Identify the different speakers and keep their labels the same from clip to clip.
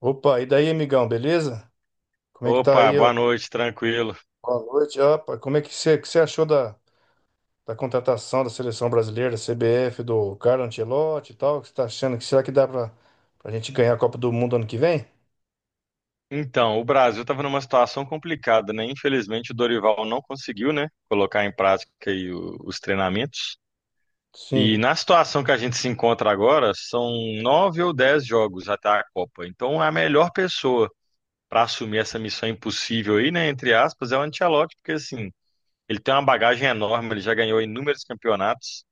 Speaker 1: Opa, e daí, amigão, beleza? Como é que tá
Speaker 2: Opa,
Speaker 1: aí? Ó?
Speaker 2: boa noite, tranquilo.
Speaker 1: Boa noite. Opa, como é que você achou da contratação da seleção brasileira, da CBF, do Carlo Ancelotti e tal? O que você tá achando? Que será que dá pra gente ganhar a Copa do Mundo ano que vem?
Speaker 2: Então, o Brasil estava numa situação complicada, né? Infelizmente, o Dorival não conseguiu, né, colocar em prática aí o- os treinamentos. E
Speaker 1: Sim,
Speaker 2: na situação que a gente se encontra agora, são nove ou 10 jogos até a Copa. Então, a melhor pessoa para assumir essa missão impossível aí, né, entre aspas, é o Ancelotti, porque assim, ele tem uma bagagem enorme, ele já ganhou inúmeros campeonatos.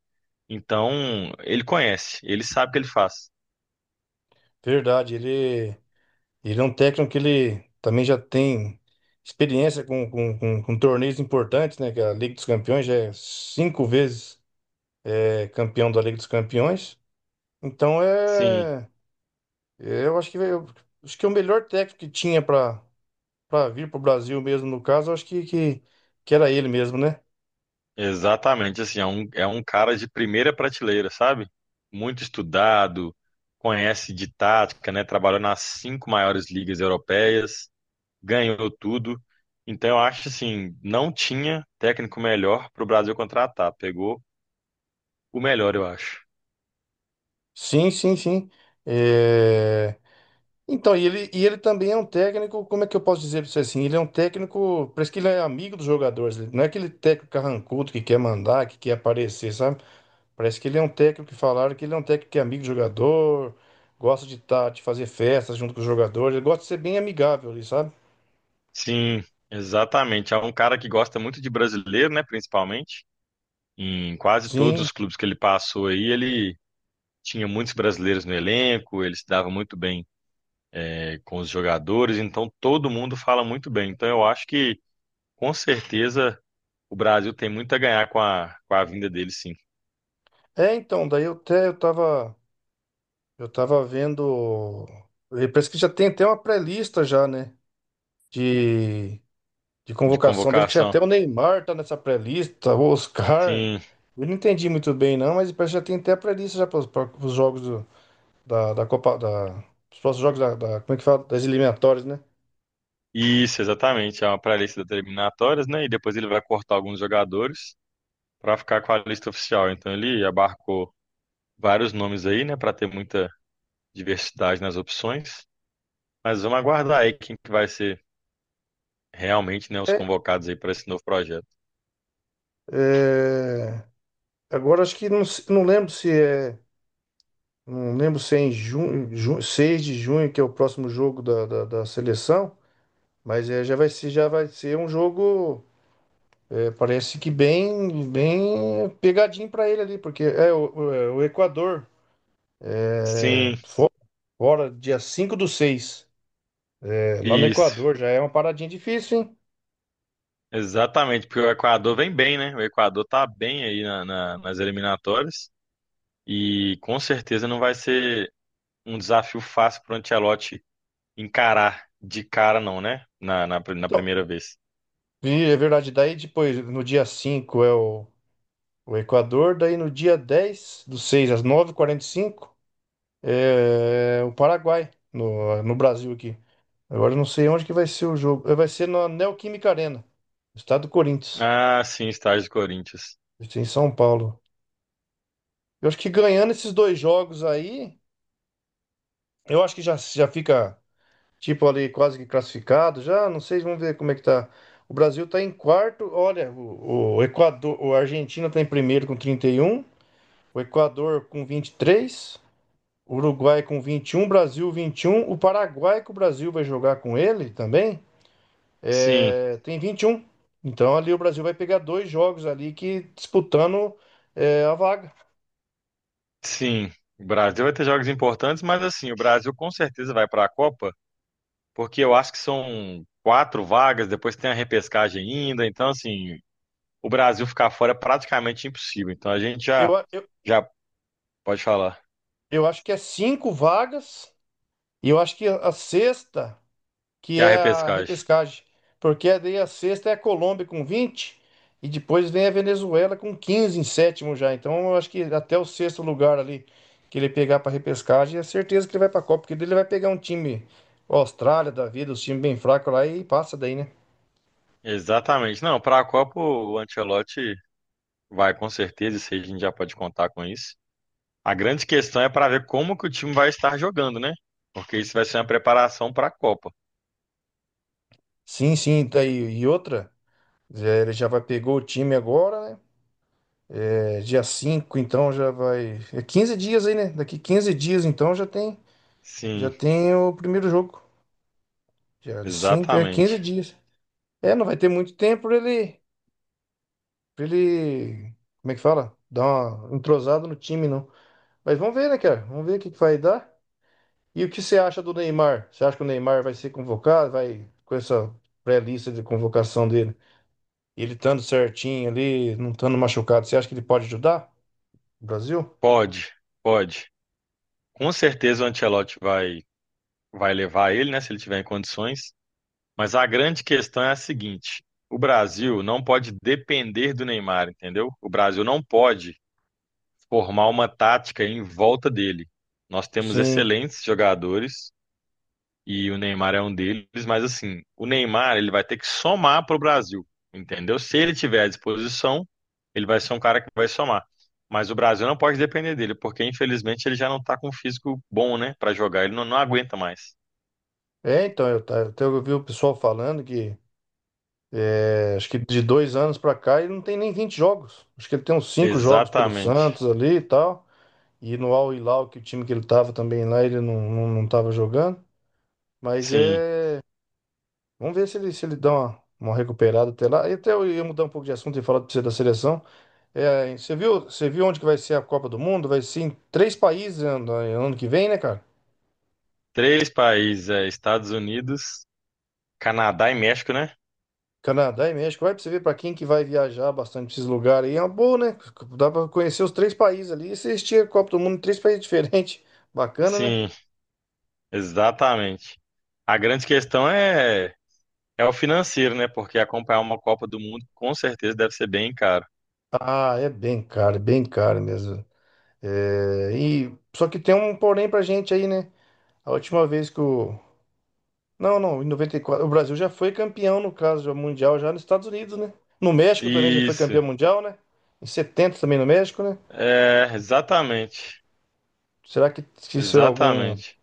Speaker 2: Então, ele conhece, ele sabe o que ele faz.
Speaker 1: verdade. Ele é um técnico que ele também já tem experiência com torneios importantes, né? Que é a Liga dos Campeões, já é 5 vezes, é, campeão da Liga dos Campeões. Então
Speaker 2: Sim.
Speaker 1: é. É, eu acho que acho que é o melhor técnico que tinha para vir para o Brasil mesmo, no caso. Eu acho que era ele mesmo, né?
Speaker 2: Exatamente, assim, é um cara de primeira prateleira, sabe? Muito estudado, conhece de tática, né? Trabalhou nas cinco maiores ligas europeias, ganhou tudo. Então, eu acho assim, não tinha técnico melhor para o Brasil contratar. Pegou o melhor, eu acho.
Speaker 1: Sim, sim, sim. É, então, e ele também é um técnico. Como é que eu posso dizer para você? Assim, ele é um técnico, parece que ele é amigo dos jogadores, ele não é aquele técnico carrancudo que quer mandar, que quer aparecer, sabe? Parece que ele é um técnico, que falaram que ele é um técnico que é amigo do jogador, gosta de, tá, de fazer festas junto com os jogadores, ele gosta de ser bem amigável ali, sabe?
Speaker 2: Sim, exatamente. É um cara que gosta muito de brasileiro, né? Principalmente. Em quase todos
Speaker 1: Sim.
Speaker 2: os clubes que ele passou aí, ele tinha muitos brasileiros no elenco, ele se dava muito bem com os jogadores, então todo mundo fala muito bem. Então eu acho que com certeza o Brasil tem muito a ganhar com a vinda dele, sim,
Speaker 1: É, então, daí eu até eu tava. Eu tava vendo. E parece que já tem até uma pré-lista já, né? De, de
Speaker 2: de
Speaker 1: convocação dele. Que já
Speaker 2: convocação.
Speaker 1: até o Neymar tá nessa pré-lista, o Oscar.
Speaker 2: Sim,
Speaker 1: Eu não entendi muito bem, não, mas parece que já tem até a pré-lista já para os jogos do- da Copa. Os próximos jogos como é que fala? Das eliminatórias, né?
Speaker 2: isso, exatamente. É uma pré-lista das eliminatórias, né? E depois ele vai cortar alguns jogadores para ficar com a lista oficial. Então ele abarcou vários nomes aí, né, para ter muita diversidade nas opções. Mas vamos aguardar aí quem que vai ser realmente, né, os
Speaker 1: É,
Speaker 2: convocados aí para esse novo projeto.
Speaker 1: é, agora acho que não, não lembro se é. Não lembro se é em junho, 6 de junho, que é o próximo jogo da seleção, mas é, já vai ser um jogo. É, parece que bem, bem pegadinho para ele ali, porque é é o Equador,
Speaker 2: Sim,
Speaker 1: agora, dia 5 do seis. É, lá no
Speaker 2: isso.
Speaker 1: Equador já é uma paradinha difícil, hein?
Speaker 2: Exatamente, porque o Equador vem bem, né? O Equador tá bem aí nas eliminatórias e com certeza não vai ser um desafio fácil para o Ancelotti encarar de cara, não, né? Na
Speaker 1: Então,
Speaker 2: primeira vez.
Speaker 1: e é verdade. Daí depois, no dia 5 é o Equador, daí no dia 10 do seis, às 9:45 é o Paraguai, no Brasil aqui. Agora eu não sei onde que vai ser o jogo. É, vai ser na Neoquímica Arena, estado do Corinthians,
Speaker 2: Ah, sim, estágio do Corinthians.
Speaker 1: vai ser em São Paulo. Eu acho que ganhando esses dois jogos aí, eu acho que já fica, tipo, ali quase que classificado. Já, não sei, vamos ver como é que tá. O Brasil tá em quarto. Olha, o Equador, o Argentina tá em primeiro com 31, o Equador com 23, o Uruguai com 21, Brasil 21, o Paraguai, que o Brasil vai jogar com ele também,
Speaker 2: Sim,
Speaker 1: é, tem 21. Então ali o Brasil vai pegar dois jogos ali, que disputando, é, a vaga.
Speaker 2: sim. O Brasil vai ter jogos importantes, mas assim, o Brasil com certeza vai para a Copa, porque eu acho que são quatro vagas, depois tem a repescagem ainda, então assim, o Brasil ficar fora é praticamente impossível. Então a gente já,
Speaker 1: Eu, a- eu,
Speaker 2: já pode falar.
Speaker 1: eu acho que é 5 vagas e eu acho que a sexta que
Speaker 2: Que é a
Speaker 1: é a
Speaker 2: repescagem.
Speaker 1: repescagem. Porque daí a sexta é a Colômbia com 20 e depois vem a Venezuela com 15 em sétimo já. Então eu acho que até o sexto lugar ali que ele pegar para repescagem, é certeza que ele vai para a Copa, porque daí ele vai pegar um time Austrália da vida, os times bem fracos lá, e passa daí, né?
Speaker 2: Exatamente. Não, para a Copa o Ancelotti vai com certeza, isso aí a gente já pode contar com isso. A grande questão é para ver como que o time vai estar jogando, né? Porque isso vai ser uma preparação para a Copa.
Speaker 1: Sim, sim, daí e outra, é, ele já vai pegou o time agora, né? É, dia 5, então já vai. É 15 dias aí, né? Daqui 15 dias então já
Speaker 2: Sim,
Speaker 1: tem o primeiro jogo. Dia 5 é 15
Speaker 2: exatamente.
Speaker 1: dias. É, não vai ter muito tempo pra ele, como é que fala? Dar uma entrosada no time, não. Mas vamos ver, né, cara? Vamos ver o que que vai dar. E o que você acha do Neymar? Você acha que o Neymar vai ser convocado? Vai com essa pré-lista de convocação dele? Ele estando certinho ali, não estando machucado, você acha que ele pode ajudar o Brasil?
Speaker 2: Pode, pode. Com certeza o Ancelotti vai levar ele, né, se ele tiver em condições, mas a grande questão é a seguinte: o Brasil não pode depender do Neymar, entendeu? O Brasil não pode formar uma tática em volta dele. Nós temos
Speaker 1: Sim.
Speaker 2: excelentes jogadores e o Neymar é um deles, mas assim, o Neymar ele vai ter que somar para o Brasil, entendeu? Se ele tiver à disposição, ele vai ser um cara que vai somar. Mas o Brasil não pode depender dele, porque infelizmente ele já não está com um físico bom, né, para jogar. Ele não, não aguenta mais.
Speaker 1: É, então, até eu vi o pessoal falando que, é, acho que de 2 anos pra cá ele não tem nem 20 jogos. Acho que ele tem uns 5 jogos pelo
Speaker 2: Exatamente.
Speaker 1: Santos ali e tal. E no Al Hilal, que o time que ele tava também lá, ele não tava jogando. Mas
Speaker 2: Sim.
Speaker 1: é. Vamos ver se ele, se ele dá uma recuperada até lá. E até eu ia mudar um pouco de assunto e falar pra você da seleção. É, você viu onde que vai ser a Copa do Mundo? Vai ser em três países ano que vem, né, cara?
Speaker 2: Três países, é, Estados Unidos, Canadá e México, né?
Speaker 1: Canadá e México. Vai, pra você ver, pra quem que vai viajar bastante pra esses lugares aí. É uma boa, né? Dá pra conhecer os três países ali. E você estica a Copa do Mundo em três países diferentes. Bacana, né?
Speaker 2: Sim, exatamente. A grande questão é é o financeiro, né? Porque acompanhar uma Copa do Mundo com certeza deve ser bem caro.
Speaker 1: Ah, é bem caro mesmo. É, e, só que tem um porém pra gente aí, né? A última vez que o. Não, não, em 94 o Brasil já foi campeão, no caso, já mundial, já nos Estados Unidos, né? No México também já foi
Speaker 2: Isso.
Speaker 1: campeão mundial, né? Em 70 também no México, né?
Speaker 2: É, exatamente.
Speaker 1: Será que isso
Speaker 2: Exatamente.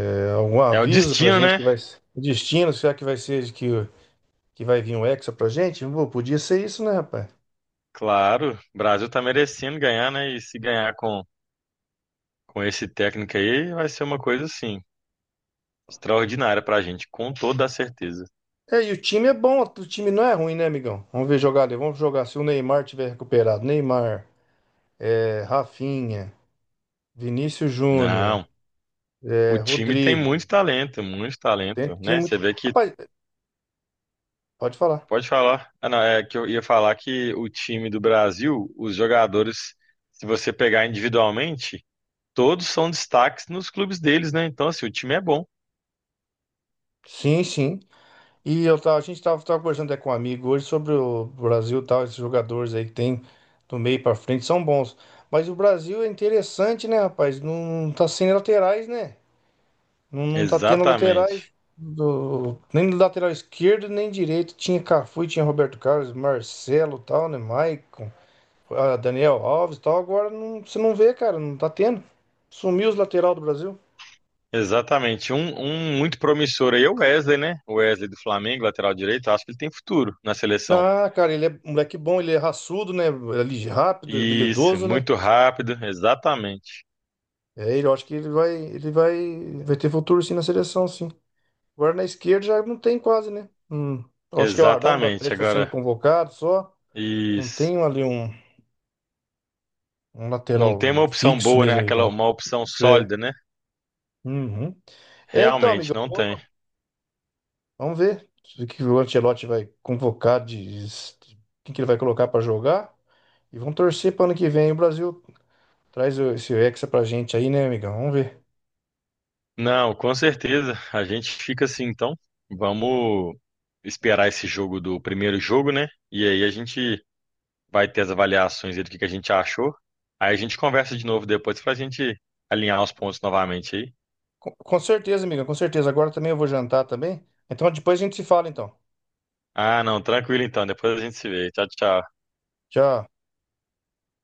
Speaker 1: é algum
Speaker 2: É o
Speaker 1: aviso pra
Speaker 2: destino,
Speaker 1: gente que
Speaker 2: né?
Speaker 1: vai ser um destino. Será que vai ser que vai vir um Hexa pra gente? Pô, podia ser isso, né, rapaz?
Speaker 2: Claro, o Brasil tá merecendo ganhar, né? E se ganhar com esse técnico aí, vai ser uma coisa assim, extraordinária pra gente, com toda a certeza.
Speaker 1: É, e o time é bom, o time não é ruim, né, amigão? Vamos ver jogar ali, vamos jogar se o Neymar tiver recuperado. Neymar, é, Rafinha, Vinícius Júnior.
Speaker 2: Não, o
Speaker 1: É,
Speaker 2: time tem
Speaker 1: Rodrigo,
Speaker 2: muito
Speaker 1: tem,
Speaker 2: talento,
Speaker 1: tem
Speaker 2: né? Você
Speaker 1: muito.
Speaker 2: vê que
Speaker 1: Rapaz, pode falar.
Speaker 2: pode falar. Ah, não, é que eu ia falar que o time do Brasil, os jogadores, se você pegar individualmente, todos são destaques nos clubes deles, né? Então, assim, o time é bom.
Speaker 1: Sim, sim. E eu tava, a gente tava, tava conversando até com um amigo hoje sobre o Brasil e tal, esses jogadores aí que tem do meio pra frente são bons. Mas o Brasil é interessante, né, rapaz? Não, tá sem laterais, né? Não tá tendo
Speaker 2: Exatamente.
Speaker 1: laterais nem do lateral esquerdo, nem direito. Tinha Cafu, tinha Roberto Carlos, Marcelo, e tal, né? Maicon, ah, Daniel Alves, e tal. Agora não, você não vê, cara, não tá tendo. Sumiu os lateral do Brasil.
Speaker 2: Exatamente. Um muito promissor aí é o Wesley, né? O Wesley do Flamengo, lateral direito, acho que ele tem futuro na seleção.
Speaker 1: Ah, cara, ele é um moleque bom, ele é raçudo, né? Ele é rápido,
Speaker 2: Isso,
Speaker 1: habilidoso, né?
Speaker 2: muito rápido, exatamente.
Speaker 1: É, eu acho que ele vai ter futuro sim na seleção, sim. Agora na esquerda já não tem quase, né? Hum. Eu acho que é o Arana do
Speaker 2: Exatamente.
Speaker 1: Atlético está sendo
Speaker 2: Agora,
Speaker 1: convocado só. Não
Speaker 2: isso.
Speaker 1: tem um
Speaker 2: Não tem
Speaker 1: lateral
Speaker 2: uma opção
Speaker 1: fixo
Speaker 2: boa, né?
Speaker 1: mesmo,
Speaker 2: Aquela,
Speaker 1: amigão.
Speaker 2: uma opção
Speaker 1: É.
Speaker 2: sólida, né?
Speaker 1: Uhum. É, então,
Speaker 2: Realmente,
Speaker 1: amigão,
Speaker 2: não tem.
Speaker 1: vamos ver o que o Ancelotti vai convocar, quem que ele vai colocar para jogar. E vamos torcer para ano que vem o Brasil traz esse Hexa pra gente aí, né, amigão? Vamos ver.
Speaker 2: Não, com certeza. A gente fica assim, então. Vamos esperar esse jogo do primeiro jogo, né? E aí a gente vai ter as avaliações dele, o que que a gente achou. Aí a gente conversa de novo depois pra gente alinhar os pontos novamente aí.
Speaker 1: Com certeza, amiga, com certeza. Agora também eu vou jantar também. Então depois a gente se fala, então.
Speaker 2: Ah, não, tranquilo então, depois a gente se vê. Tchau, tchau.
Speaker 1: Tchau.